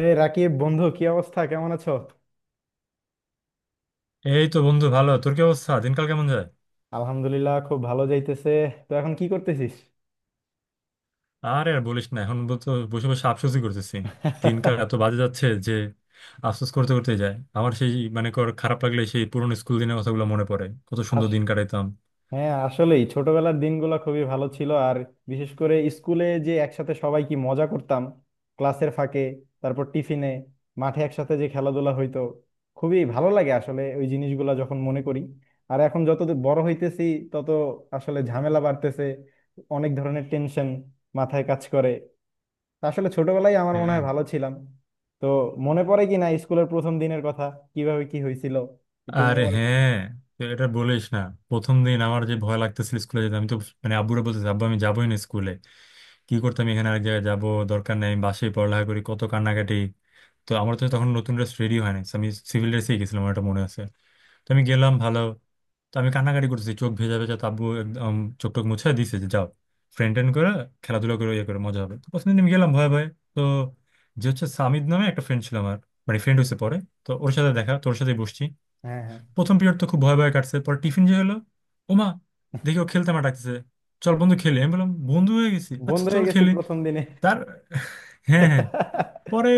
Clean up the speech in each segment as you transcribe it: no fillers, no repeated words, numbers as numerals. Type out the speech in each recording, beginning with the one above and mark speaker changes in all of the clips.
Speaker 1: এই রাকিব, বন্ধু কি অবস্থা, কেমন আছো?
Speaker 2: এই তো বন্ধু, ভালো। তোর কি অবস্থা? দিনকাল কেমন যায়?
Speaker 1: আলহামদুলিল্লাহ, খুব ভালো যাইতেছে। তো এখন কি করতেছিস?
Speaker 2: আর আর বলিস না, এখন তো বসে বসে আফসোসই করতেছি। দিনকাল এত বাজে যাচ্ছে যে আফসোস করতে করতে যায়। আমার সেই মানে কর খারাপ লাগলে সেই পুরোনো স্কুল দিনের কথাগুলো মনে পড়ে, কত সুন্দর
Speaker 1: আস-
Speaker 2: দিন কাটাইতাম।
Speaker 1: হ্যাঁ, আসলেই ছোটবেলার দিনগুলো খুবই ভালো ছিল। আর বিশেষ করে স্কুলে যে একসাথে সবাই কি মজা করতাম! ক্লাসের ফাঁকে, তারপর টিফিনে, মাঠে একসাথে যে খেলাধুলা হইতো, খুবই ভালো লাগে আসলে ওই জিনিসগুলো যখন মনে করি। আর এখন যত দূর বড় হইতেছি তত আসলে ঝামেলা বাড়তেছে, অনেক ধরনের টেনশন মাথায় কাজ করে। আসলে ছোটবেলায় আমার মনে
Speaker 2: হ্যাঁ।
Speaker 1: হয় ভালো ছিলাম। তো মনে পড়ে কি না স্কুলের প্রথম দিনের কথা, কিভাবে কি হয়েছিল, একটু
Speaker 2: আরে
Speaker 1: মেমোরি?
Speaker 2: হ্যাঁ, তো এটা বলিস না। প্রথম দিন আমার যে ভয় লাগতেছিল স্কুলে যেতে, আমি তো মানে আব্বুরা বলতেছি, আব্বু আমি যাবোই না স্কুলে, কি করতাম এখানে আরেক জায়গায় যাবো, দরকার নেই, আমি বাসায় পড়ালেখা করি, কত কান্নাকাটি। তো আমার তো তখন নতুন ড্রেস রেডি হয় নাই, so আমি সিভিল ড্রেসেই গেছিলাম, আমার এটা মনে আছে। তো আমি গেলাম, ভালো। তো আমি কান্নাকাটি করতেছি, চোখ ভেজা ভেজা, তো আব্বু একদম চোখ টোখ মুছে দিছে যে যাও, ফ্রেন্ড ট্রেন্ড করে, খেলাধুলা করে, ইয়ে করে, মজা হবে। তো প্রথম দিন আমি গেলাম ভয়ে ভয়ে। তো যে হচ্ছে সামিদ নামে একটা ফ্রেন্ড ছিল আমার, মানে ফ্রেন্ড হয়েছে পরে। তো ওর সাথে দেখা, তোর সাথে বসছি।
Speaker 1: হ্যাঁ, হ্যাঁ।
Speaker 2: প্রথম পিরিয়ড তো খুব ভয় ভয় কাটছে, পর টিফিন যে হলো, ওমা, দেখি ও খেলতে মাঠাচ্ছে, চল বন্ধু খেলি। আমি বললাম বন্ধু হয়ে গেছি, আচ্ছা
Speaker 1: বন্ধু
Speaker 2: চল
Speaker 1: হয়ে গেছি
Speaker 2: খেলি।
Speaker 1: প্রথম দিনে?
Speaker 2: তার হ্যাঁ হ্যাঁ, পরে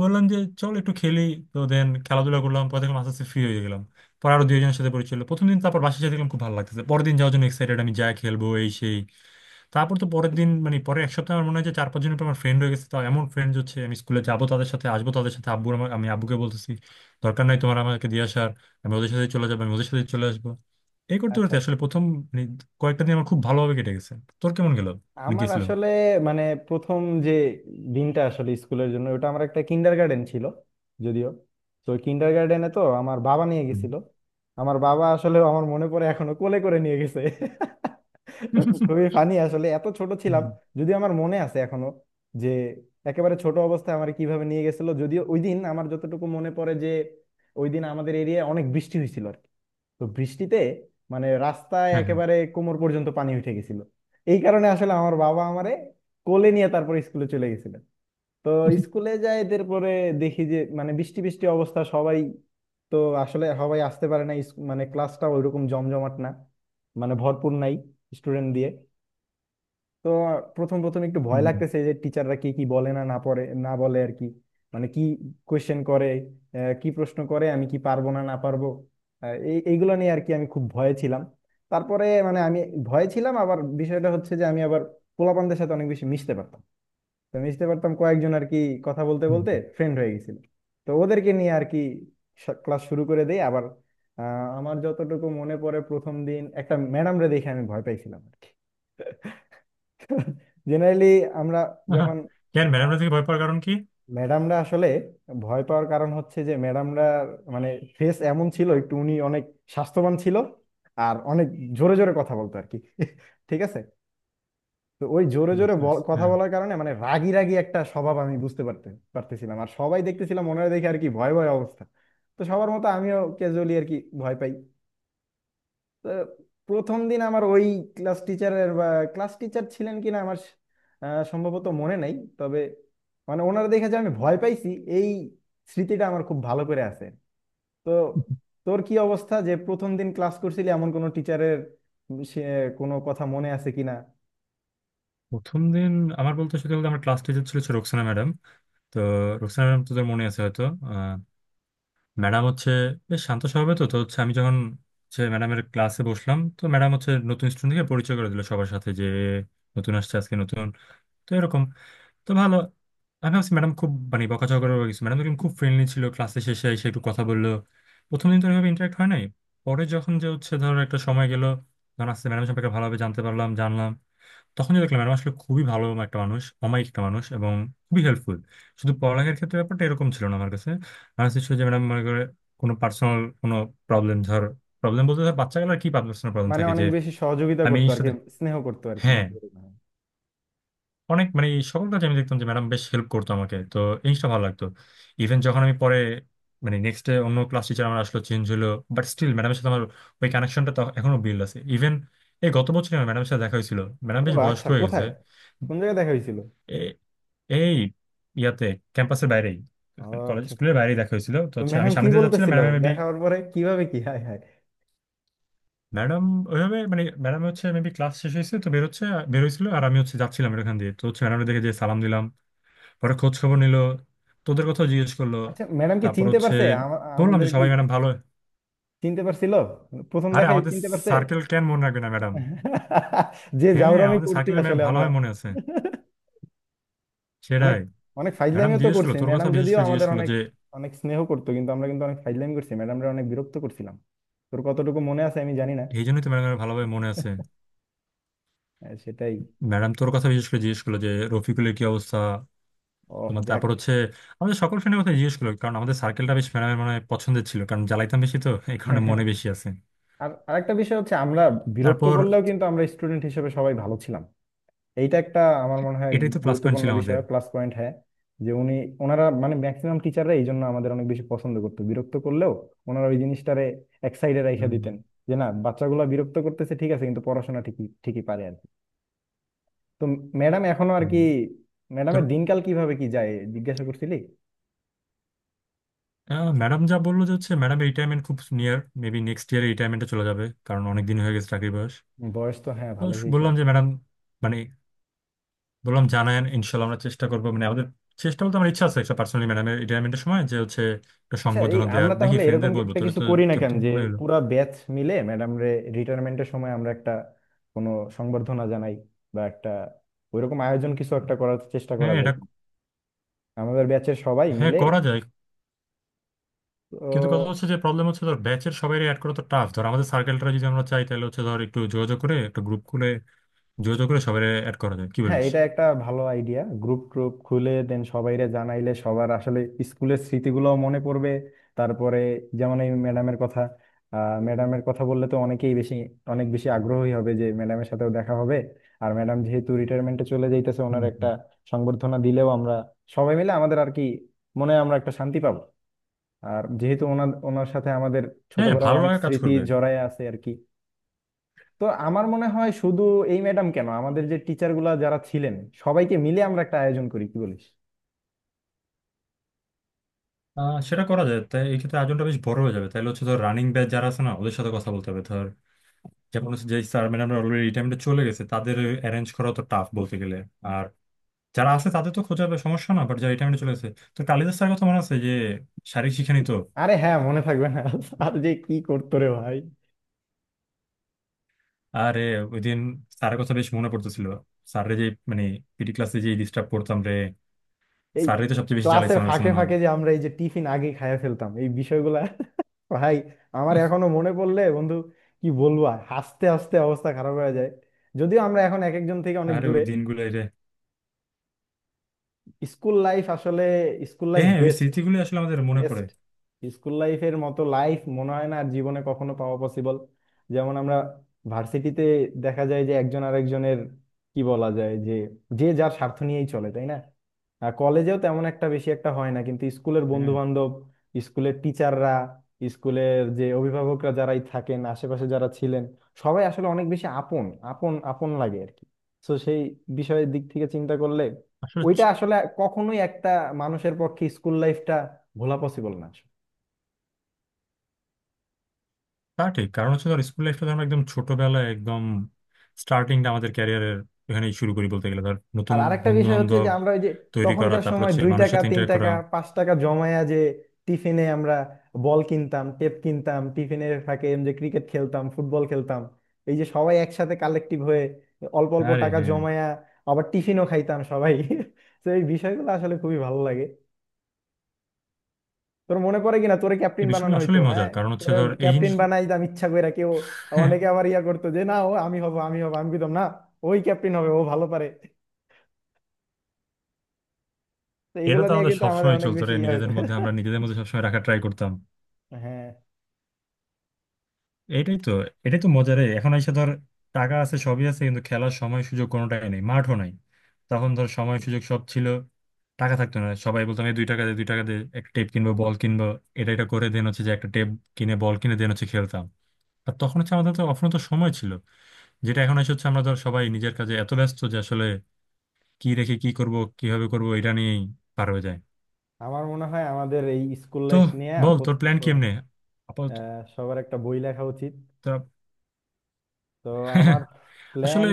Speaker 2: বললাম যে চল একটু খেলি। তো দেন খেলাধুলা করলাম, পরে দেখলাম আস্তে আস্তে ফ্রি হয়ে গেলাম। পরে আরো দুইজনের সাথে পরিচয় হলো প্রথম দিন, তারপর বাসায় সাথে দেখলাম খুব ভালো লাগতেছে, পরের দিন যাওয়ার জন্য এক্সাইটেড, আমি যা খেলবো এই সেই। তারপর তো পরের দিন মানে পরের এক সপ্তাহ আমার মনে হয় যে চার পাঁচ জন আমার ফ্রেন্ড হয়ে গেছে। তো এমন ফ্রেন্ড হচ্ছে, আমি স্কুলে যাবো তাদের সাথে, আসবো তাদের সাথে। আব্বু আমার, আমি আব্বুকে বলতেছি, দরকার নাই তোমার আমাকে দিয়ে আসার, আমি ওদের সাথে চলে যাবো, আমি ওদের সাথে চলে আসবো। এই করতে
Speaker 1: আচ্ছা।
Speaker 2: করতে আসলে প্রথম মানে কয়েকটা দিন আমার খুব ভালোভাবে কেটে গেছে। তোর কেমন গেল, মানে
Speaker 1: আমার
Speaker 2: গেছিল?
Speaker 1: আসলে মানে প্রথম যে দিনটা আসলে স্কুলের জন্য, ওটা আমার একটা কিন্ডার গার্ডেন ছিল যদিও। তো কিন্ডার গার্ডেনে তো আমার বাবা নিয়ে
Speaker 2: হুম।
Speaker 1: গেছিল। আমার বাবা আসলে, আমার মনে পড়ে এখনো কোলে করে নিয়ে গেছে। খুবই ফানি আসলে, এত ছোট ছিলাম।
Speaker 2: হুম।
Speaker 1: যদি আমার মনে আছে এখনো যে একেবারে ছোট অবস্থায় আমার কিভাবে নিয়ে গেছিল। যদিও ওই দিন আমার যতটুকু মনে পড়ে যে ওই দিন আমাদের এরিয়ায় অনেক বৃষ্টি হয়েছিল আর কি। তো বৃষ্টিতে মানে রাস্তায়
Speaker 2: হ্যাঁ হ্যাঁ।
Speaker 1: একেবারে কোমর পর্যন্ত পানি উঠে গেছিল। এই কারণে আসলে আমার বাবা আমারে কোলে নিয়ে তারপর স্কুলে চলে গেছিলেন। তো স্কুলে যাই, তারপরে দেখি যে মানে বৃষ্টি বৃষ্টি অবস্থা সবাই, তো আসলে সবাই আসতে পারে না। মানে ক্লাসটা ওইরকম জমজমাট না, মানে ভরপুর নাই স্টুডেন্ট দিয়ে। তো প্রথম প্রথম একটু ভয়
Speaker 2: হুম, হুম,
Speaker 1: লাগতেছে যে টিচাররা কি কি বলে, না না পড়ে না বলে আর কি, মানে কি কোয়েশ্চেন করে। কি প্রশ্ন করে, আমি কি পারবো না না পারবো, এইগুলো নিয়ে আর কি আমি খুব ভয়ে ছিলাম। তারপরে মানে আমি ভয়ে ছিলাম। আবার বিষয়টা হচ্ছে যে আমি আবার পোলাপানদের সাথে অনেক বেশি মিশতে পারতাম। তো মিশতে পারতাম কয়েকজন আর কি, কথা বলতে
Speaker 2: হুম,
Speaker 1: বলতে
Speaker 2: হুম।
Speaker 1: ফ্রেন্ড হয়ে গেছিল। তো ওদেরকে নিয়ে আর কি ক্লাস শুরু করে দেই আবার। আমার যতটুকু মনে পড়ে, প্রথম দিন একটা ম্যাডামরে দেখে আমি ভয় পাইছিলাম আর কি। জেনারেলি আমরা
Speaker 2: আহা,
Speaker 1: যখন,
Speaker 2: কেন ম্যাডামরা থেকে ভয় পাওয়ার কারণ কি?
Speaker 1: ম্যাডামরা আসলে ভয় পাওয়ার কারণ হচ্ছে যে ম্যাডামরা মানে ফেস এমন ছিল, একটু উনি অনেক স্বাস্থ্যবান ছিল আর অনেক জোরে জোরে কথা বলতো আর কি। ঠিক আছে। তো ওই জোরে জোরে
Speaker 2: বুঝতে পারছি,
Speaker 1: কথা
Speaker 2: হ্যাঁ।
Speaker 1: বলার কারণে মানে রাগী রাগী একটা স্বভাব আমি বুঝতে পারতেছিলাম। আর সবাই দেখতেছিলাম ওনারা দেখে আর কি ভয় ভয় অবস্থা। তো সবার মতো আমিও ক্যাজুয়ালি আর কি ভয় পাই। তো প্রথম দিন আমার ওই ক্লাস টিচারের বা ক্লাস টিচার ছিলেন কিনা আমার সম্ভবত মনে নাই। তবে মানে ওনারা দেখে যে আমি ভয় পাইছি, এই স্মৃতিটা আমার খুব ভালো করে আছে। তো তোর কি অবস্থা, যে প্রথম দিন ক্লাস করছিলি এমন কোনো টিচারের সে কোনো কথা মনে আছে কিনা?
Speaker 2: প্রথম দিন আমার, বলতে সত্যি বলতে, আমার ক্লাস টিচার ছিল হচ্ছে রোকসানা ম্যাডাম। তো রোকসানা ম্যাডাম তোদের মনে আছে হয়তো, ম্যাডাম হচ্ছে বেশ শান্ত স্বভাবের। তো তো হচ্ছে আমি যখন হচ্ছে ম্যাডামের ক্লাসে বসলাম, তো ম্যাডাম হচ্ছে নতুন স্টুডেন্টকে পরিচয় করে দিল সবার সাথে যে নতুন আসছে আজকে নতুন, তো এরকম। তো ভালো, আমি ভাবছি ম্যাডাম খুব মানে বকাঝকা করে গেছে, ম্যাডাম কিন্তু খুব ফ্রেন্ডলি ছিল, ক্লাসে শেষে এসে একটু কথা বললো। প্রথম দিন তো ওইভাবে ইন্টারাক্ট হয় নাই। পরে যখন যে হচ্ছে, ধরো একটা সময় গেল, যখন আস্তে ম্যাডাম সম্পর্কে ভালোভাবে জানতে পারলাম, জানলাম, তখনই দেখলাম ম্যাডাম আসলে খুবই ভালো একটা মানুষ, অমায়িক একটা মানুষ এবং খুবই হেল্পফুল। শুধু পড়ালেখার ক্ষেত্রে ব্যাপারটা এরকম ছিল না আমার কাছে, আমার কাছে ছিল যে ম্যাডাম মনে করে কোনো পার্সোনাল কোনো প্রবলেম, ধর প্রবলেম বলতে ধর বাচ্চা গেলার কি পার্সোনাল প্রবলেম
Speaker 1: মানে
Speaker 2: থাকে যে,
Speaker 1: অনেক বেশি সহযোগিতা
Speaker 2: আমি এই
Speaker 1: করতো আর কি,
Speaker 2: জিনিসটাতে
Speaker 1: স্নেহ করতো আর কি,
Speaker 2: হ্যাঁ
Speaker 1: নাকি এরকম।
Speaker 2: অনেক মানে এই সকল কাজে আমি দেখতাম যে ম্যাডাম বেশ হেল্প করতো আমাকে। তো এই জিনিসটা ভালো লাগতো। ইভেন যখন আমি পরে মানে নেক্সট ডে অন্য ক্লাস টিচার আমার আসলো, চেঞ্জ হলো, বাট স্টিল ম্যাডামের সাথে আমার ওই কানেকশনটা এখনো বিল্ড আছে। ইভেন এই গত বছর ম্যাডামের সাথে দেখা হয়েছিল, ম্যাডাম
Speaker 1: ও
Speaker 2: বেশ বয়স্ক
Speaker 1: আচ্ছা,
Speaker 2: হয়ে গেছে।
Speaker 1: কোথায়? কোন জায়গায় দেখা হয়েছিল?
Speaker 2: এ- এই ইয়াতে, ক্যাম্পাসের বাইরেই,
Speaker 1: ও
Speaker 2: কলেজ
Speaker 1: আচ্ছা,
Speaker 2: স্কুলের বাইরেই দেখা হয়েছিল। তো
Speaker 1: তো
Speaker 2: হচ্ছে আমি
Speaker 1: ম্যাডাম কি
Speaker 2: সামনে দিয়ে যাচ্ছিলাম,
Speaker 1: বলতেছিল
Speaker 2: ম্যাডাম মেবি,
Speaker 1: দেখা হওয়ার পরে, কিভাবে কি, হায় হায়!
Speaker 2: ম্যাডাম ওইভাবে মানে ম্যাডাম হচ্ছে মেবি ক্লাস শেষ হয়েছে তো বেরোচ্ছে, বেরোইছিল, আর আমি হচ্ছে যাচ্ছিলাম এখান দিয়ে, তো হচ্ছে ম্যাডাম দেখে, যে সালাম দিলাম, পরে খোঁজ খবর নিল, তোদের কথাও জিজ্ঞেস করলো।
Speaker 1: আচ্ছা, ম্যাডাম কি
Speaker 2: তারপর
Speaker 1: চিনতে
Speaker 2: হচ্ছে
Speaker 1: পারছে
Speaker 2: বললাম
Speaker 1: আমাদের
Speaker 2: যে
Speaker 1: কি,
Speaker 2: সবাই ম্যাডাম ভালো।
Speaker 1: চিনতে পারছিল? প্রথম
Speaker 2: আরে
Speaker 1: দেখায়
Speaker 2: আমাদের
Speaker 1: চিনতে পারছে?
Speaker 2: সার্কেল কেন মনে রাখবে না ম্যাডাম।
Speaker 1: যে
Speaker 2: হ্যাঁ
Speaker 1: জাউরামি
Speaker 2: আমাদের
Speaker 1: করছি
Speaker 2: সার্কেলের ম্যাম
Speaker 1: আসলে
Speaker 2: ভালো
Speaker 1: আমরা,
Speaker 2: হয় মনে আছে।
Speaker 1: অনেক
Speaker 2: সেটাই।
Speaker 1: অনেক
Speaker 2: ম্যাডাম
Speaker 1: ফাইজলামিও তো
Speaker 2: জিজ্ঞেস
Speaker 1: করছি
Speaker 2: করলো তোর কথা
Speaker 1: ম্যাডাম।
Speaker 2: বিশেষ
Speaker 1: যদিও
Speaker 2: করে জিজ্ঞেস
Speaker 1: আমাদের
Speaker 2: করলো
Speaker 1: অনেক
Speaker 2: যে,
Speaker 1: অনেক স্নেহ করতো কিন্তু আমরা কিন্তু অনেক ফাইজলামি করছি, ম্যাডামরা অনেক বিরক্ত করছিলাম। তোর কতটুকু মনে আছে আমি জানি না।
Speaker 2: এই জন্যই তো ম্যাডামের ভালোভাবে মনে আছে।
Speaker 1: সেটাই।
Speaker 2: ম্যাডাম তোর কথা বিশেষ করে জিজ্ঞেস করলো যে রফিকুলের কি অবস্থা,
Speaker 1: ওহ
Speaker 2: তোমার,
Speaker 1: যাক।
Speaker 2: তারপর হচ্ছে আমাদের সকল ফ্রেন্ডের কথা জিজ্ঞেস করলো, কারণ আমাদের সার্কেলটা বেশ ম্যাডামের মানে পছন্দের ছিল, কারণ জ্বালাইতাম বেশি তো এই কারণে মনে বেশি আছে।
Speaker 1: আর আরেকটা বিষয় হচ্ছে আমরা বিরক্ত
Speaker 2: তারপর
Speaker 1: করলেও কিন্তু আমরা স্টুডেন্ট হিসেবে সবাই ভালো ছিলাম। এইটা একটা আমার মনে হয়
Speaker 2: এটাই তো প্লাস পয়েন্ট
Speaker 1: গুরুত্বপূর্ণ
Speaker 2: ছিল আমাদের।
Speaker 1: বিষয় প্লাস পয়েন্ট, হ্যাঁ। যে উনি ওনারা মানে ম্যাক্সিমাম টিচাররা এই জন্য আমাদের অনেক বেশি পছন্দ করতো, বিরক্ত করলেও ওনারা ওই জিনিসটারে এক সাইডে রাইখা
Speaker 2: উম,
Speaker 1: দিতেন যে না, বাচ্চাগুলো বিরক্ত করতেছে ঠিক আছে, কিন্তু পড়াশোনা ঠিকই ঠিকই পারে আর কি। তো ম্যাডাম এখনো আর কি,
Speaker 2: হ্যাঁ। তোর,
Speaker 1: ম্যাডামের দিনকাল কিভাবে কি যায় জিজ্ঞাসা করছিলি?
Speaker 2: ম্যাডাম যা বললো যে হচ্ছে ম্যাডামের রিটায়ারমেন্ট খুব নিয়ার, মেবি নেক্সট ইয়ারে রিটায়ারমেন্টে চলে যাবে, কারণ অনেক দিন হয়ে গেছে চাকরি, বয়স।
Speaker 1: বয়স তো হ্যাঁ ভালোই হয়েছে।
Speaker 2: বললাম যে ম্যাডাম মানে বললাম জানায়েন, ইনশাল্লাহ আমরা চেষ্টা করবো মানে আমাদের, চেষ্টা বলতে আমার ইচ্ছা আছে একটা পার্সোনালি ম্যাডামের রিটায়ারমেন্টের সময় যে হচ্ছে একটা
Speaker 1: আচ্ছা, এই
Speaker 2: সংবর্ধনা দেওয়ার,
Speaker 1: আমরা
Speaker 2: দেখি
Speaker 1: তাহলে এরকম
Speaker 2: ফ্রেন্ডদের বলবো।
Speaker 1: একটা
Speaker 2: তোর
Speaker 1: কিছু
Speaker 2: তো
Speaker 1: করি না
Speaker 2: তোর
Speaker 1: কেন,
Speaker 2: তো
Speaker 1: যে
Speaker 2: বলে এলো।
Speaker 1: পুরা ব্যাচ মিলে ম্যাডাম রে রিটায়ারমেন্টের সময় আমরা একটা কোনো সংবর্ধনা জানাই, বা একটা ওইরকম আয়োজন কিছু একটা করার চেষ্টা করা
Speaker 2: হ্যাঁ
Speaker 1: যায়
Speaker 2: এটা,
Speaker 1: কি? আমাদের ব্যাচের সবাই
Speaker 2: হ্যাঁ
Speaker 1: মিলে।
Speaker 2: করা যায়। কিন্তু কথা হচ্ছে যে প্রবলেম হচ্ছে ধর ব্যাচের সবাই অ্যাড করা তো টাফ, ধর আমাদের সার্কেলটা যদি আমরা চাই তাহলে হচ্ছে ধর একটু যোগাযোগ করে একটা গ্রুপ খুলে যোগাযোগ করে সবাই অ্যাড করা যায়, কি
Speaker 1: হ্যাঁ,
Speaker 2: বলিস?
Speaker 1: এটা একটা ভালো আইডিয়া। গ্রুপ ট্রুপ খুলে দেন সবাইরে জানাইলে সবার আসলে স্কুলের স্মৃতিগুলো মনে পড়বে। তারপরে যেমন এই ম্যাডামের কথা, ম্যাডামের কথা বললে তো অনেকেই বেশি অনেক বেশি আগ্রহী হবে যে ম্যাডামের সাথেও দেখা হবে। আর ম্যাডাম যেহেতু রিটায়ারমেন্টে চলে যাইতেছে,
Speaker 2: হুম,
Speaker 1: ওনার একটা
Speaker 2: হুম।
Speaker 1: সংবর্ধনা দিলেও আমরা সবাই মিলে আমাদের আর কি মনে হয় আমরা একটা শান্তি পাবো। আর যেহেতু ওনার ওনার সাথে আমাদের
Speaker 2: হ্যাঁ
Speaker 1: ছোটবেলার
Speaker 2: ভালো
Speaker 1: অনেক
Speaker 2: লাগা কাজ
Speaker 1: স্মৃতি
Speaker 2: করবে।
Speaker 1: জড়ায় আছে আর কি। তো আমার মনে হয় শুধু এই ম্যাডাম কেন, আমাদের যে টিচার গুলা যারা ছিলেন সবাইকে মিলে আমরা একটা আয়োজন করি, কি বলিস?
Speaker 2: আহ, সেটা করা যায়, তাই এই ক্ষেত্রে আয়োজনটা বেশ বড় হয়ে যাবে, তাহলে হচ্ছে ধর রানিং ব্যাচ যারা আছে না ওদের সাথে কথা বলতে হবে, ধর যেমন হচ্ছে যে স্যার ম্যাডামরা অলরেডি রিটায়ারমেন্টে চলে গেছে তাদের অ্যারেঞ্জ করা তো টাফ বলতে গেলে। আর যারা আছে তাদের তো খোঁজার সমস্যা না, বাট যারা রিটায়ারমেন্টে চলে গেছে। তো কালিদাস স্যার কথা মনে আছে যে শারীরিক শিক্ষা নিত।
Speaker 1: আরে হ্যাঁ, মনে থাকবে না? আর যে কি করতো রে ভাই!
Speaker 2: আরে ওই দিন স্যারের কথা বেশ মনে পড়তেছিল, স্যাররে যে মানে পিটি ক্লাসে যে ডিস্টার্ব করতাম রে,
Speaker 1: এই
Speaker 2: স্যাররে তো সবচেয়ে বেশি জ্বালাইছে
Speaker 1: ক্লাসের
Speaker 2: আমার কাছে
Speaker 1: ফাঁকে
Speaker 2: মনে হয়।
Speaker 1: ফাঁকে যে আমরা এই যে টিফিন আগে খাইয়া ফেলতাম, এই বিষয়গুলা ভাই, আমার এখনো মনে পড়লে বন্ধু কি বলবো আর, হাসতে হাসতে অবস্থা খারাপ হয়ে যায়। যদিও আমরা এখন এক একজন থেকে অনেক
Speaker 2: আরে
Speaker 1: দূরে,
Speaker 2: ওই দিনগুলো রে।
Speaker 1: স্কুল লাইফ আসলে, স্কুল লাইফ
Speaker 2: হ্যাঁ ওই
Speaker 1: বেস্ট।
Speaker 2: স্মৃতিগুলো আসলে আমাদের মনে পড়ে।
Speaker 1: বেস্ট স্কুল লাইফের মতো লাইফ মনে হয় না আর জীবনে কখনো পাওয়া পসিবল। যেমন আমরা ভার্সিটিতে দেখা যায় যে একজন আরেকজনের কি বলা যায় যে, যে যার স্বার্থ নিয়েই চলে, তাই না? আর কলেজেও তেমন একটা বেশি একটা হয় না, কিন্তু স্কুলের বন্ধু
Speaker 2: হ্যাঁ।
Speaker 1: বান্ধব, স্কুলের টিচাররা, স্কুলের যে অভিভাবকরা যারাই থাকেন আশেপাশে যারা ছিলেন, সবাই আসলে অনেক বেশি আপন আপন আপন লাগে আর কি। তো সেই বিষয়ের দিক থেকে চিন্তা করলে
Speaker 2: আসলে
Speaker 1: ওইটা আসলে কখনোই একটা মানুষের পক্ষে স্কুল লাইফটা ভোলা পসিবল না আসলে।
Speaker 2: তা ঠিক, কারণ হচ্ছে ধর স্কুল লাইফটা আমরা একদম ছোটবেলায় একদম, স্টার্টিংটা আমাদের ক্যারিয়ারের এখানেই শুরু করি বলতে গেলে, ধর
Speaker 1: আর
Speaker 2: নতুন
Speaker 1: আরেকটা
Speaker 2: বন্ধু
Speaker 1: বিষয় হচ্ছে
Speaker 2: বান্ধব
Speaker 1: যে আমরা ওই যে
Speaker 2: তৈরি করা,
Speaker 1: তখনকার
Speaker 2: তারপর
Speaker 1: সময়
Speaker 2: হচ্ছে
Speaker 1: দুই
Speaker 2: মানুষের
Speaker 1: টাকা
Speaker 2: সাথে
Speaker 1: তিন
Speaker 2: ইন্টারেক্ট করা।
Speaker 1: টাকা পাঁচ টাকা জমায়া যে টিফিনে আমরা বল কিনতাম, টেপ কিনতাম, টিফিনের ফাঁকে এম যে ক্রিকেট খেলতাম, ফুটবল খেলতাম, এই যে সবাই একসাথে কালেক্টিভ হয়ে অল্প অল্প
Speaker 2: আরে
Speaker 1: টাকা
Speaker 2: হ্যাঁ।
Speaker 1: জমায়া আবার টিফিনও খাইতাম সবাই। তো এই বিষয়গুলো আসলে খুবই ভালো লাগে। তোর মনে পড়ে কিনা তোরে ক্যাপ্টেন
Speaker 2: এই বিষয়গুলো
Speaker 1: বানানো
Speaker 2: আসলে
Speaker 1: হইতো, হ্যাঁ?
Speaker 2: মজার, কারণ হচ্ছে
Speaker 1: তোরে
Speaker 2: ধর এই
Speaker 1: ক্যাপ্টেন
Speaker 2: জিনিসগুলো
Speaker 1: বানাই দাম ইচ্ছা কইরা কেউ। অনেকে আবার ইয়া করতো যে না, ও আমি হব আমি হব, আমি কইতাম না, ওই ক্যাপ্টেন হবে, ও ভালো পারে। তো
Speaker 2: এটা
Speaker 1: এইগুলো
Speaker 2: তো
Speaker 1: নিয়ে
Speaker 2: আমাদের
Speaker 1: কিন্তু আমাদের
Speaker 2: সবসময়
Speaker 1: অনেক
Speaker 2: চলতো
Speaker 1: বেশি
Speaker 2: রে,
Speaker 1: ইয়া হইতো।
Speaker 2: নিজেদের মধ্যে আমরা নিজেদের মধ্যে সবসময় রাখা ট্রাই করতাম।
Speaker 1: হ্যাঁ।
Speaker 2: এটাই তো, এটাই তো মজার এই। এখন এসে ধর টাকা আছে, সবই আছে, কিন্তু খেলার সময় সুযোগ কোনোটাই নেই, মাঠও নাই। তখন ধর সময় সুযোগ সব ছিল, টাকা থাকতো না, সবাই বলতাম এই দুই টাকা দে, দুই টাকা দে, একটা টেপ কিনবো, বল কিনবো। এটা এটা করে দেন হচ্ছে যে একটা টেপ কিনে বল কিনে দেন হচ্ছে খেলতাম। আর তখন হচ্ছে আমাদের তো অফুরন্ত সময় ছিল, যেটা এখন এসে হচ্ছে আমরা ধর সবাই নিজের কাজে এত ব্যস্ত যে আসলে কি রেখে কি করব, কিভাবে করব এটা নিয়েই পার হয়ে যায়।
Speaker 1: আমার মনে হয় আমাদের এই স্কুল
Speaker 2: তো
Speaker 1: লাইফ নিয়ে
Speaker 2: বল তোর প্ল্যান কেমনে আপাতত।
Speaker 1: সবার একটা বই লেখা উচিত।
Speaker 2: তোরা-
Speaker 1: তো আমার
Speaker 2: আসলে
Speaker 1: প্ল্যান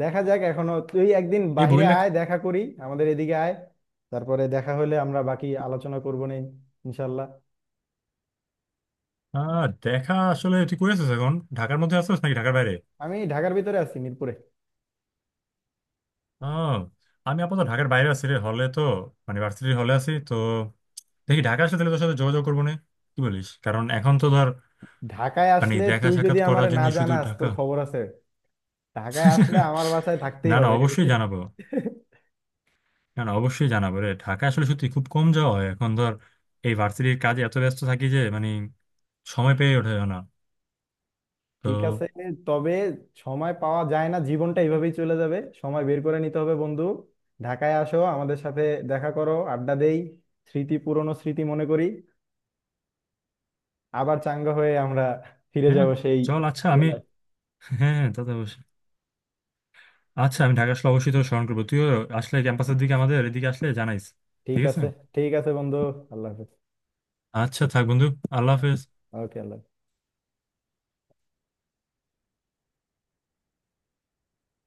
Speaker 1: দেখা যাক, এখনো তুই একদিন
Speaker 2: এই
Speaker 1: বাইরে
Speaker 2: বই লেখা।
Speaker 1: আয় দেখা করি, আমাদের এদিকে আয়, তারপরে দেখা হলে আমরা বাকি আলোচনা করবো নি, ইনশাল্লাহ।
Speaker 2: আহ, দেখা, আসলে তুই কই আছিস এখন, ঢাকার মধ্যে আছিস নাকি ঢাকার বাইরে?
Speaker 1: আমি ঢাকার ভিতরে আছি, মিরপুরে।
Speaker 2: আহ, আমি আপাতত ঢাকার বাইরে আছি রে, হলে তো, মানে ভার্সিটির হলে আছি তো। দেখি ঢাকা আসলে তাহলে তোর সাথে যোগাযোগ করবো না, কি বলিস, কারণ এখন তো ধর
Speaker 1: ঢাকায়
Speaker 2: মানে
Speaker 1: আসলে
Speaker 2: দেখা
Speaker 1: তুই যদি
Speaker 2: সাক্ষাৎ
Speaker 1: আমার
Speaker 2: করার
Speaker 1: না
Speaker 2: জন্যই শুধু
Speaker 1: জানাস তোর
Speaker 2: ঢাকা।
Speaker 1: খবর আছে। ঢাকায় আসলে আমার বাসায় থাকতেই
Speaker 2: না না
Speaker 1: হবে।
Speaker 2: অবশ্যই জানাবো, না না অবশ্যই জানাবো রে, ঢাকা আসলে সত্যি খুব কম যাওয়া হয় এখন, ধর এই ভার্সিটির কাজে এত ব্যস্ত থাকি যে মানে সময় পেয়ে ওঠে না।
Speaker 1: ঠিক
Speaker 2: তো
Speaker 1: আছে, তবে সময় পাওয়া যায় না জীবনটা এইভাবেই চলে যাবে, সময় বের করে নিতে হবে বন্ধু। ঢাকায় আসো, আমাদের সাথে দেখা করো, আড্ডা দেই, স্মৃতি পুরনো স্মৃতি মনে করি, আবার চাঙ্গা হয়ে আমরা ফিরে
Speaker 2: হ্যাঁ,
Speaker 1: যাব সেই
Speaker 2: চল, আচ্ছা আমি,
Speaker 1: ছোটবেলায়।
Speaker 2: হ্যাঁ হ্যাঁ তা তো অবশ্যই। আচ্ছা আমি ঢাকা আসলে অবশ্যই তোর স্মরণ করবো, তুইও আসলে ক্যাম্পাসের দিকে আমাদের এদিকে আসলে জানাইস।
Speaker 1: ঠিক
Speaker 2: ঠিক আছে।
Speaker 1: আছে, ঠিক আছে বন্ধু, আল্লাহ হাফেজ।
Speaker 2: আচ্ছা থাক বন্ধু, আল্লাহ হাফেজ।
Speaker 1: ওকে আল্লাহ হাফেজ।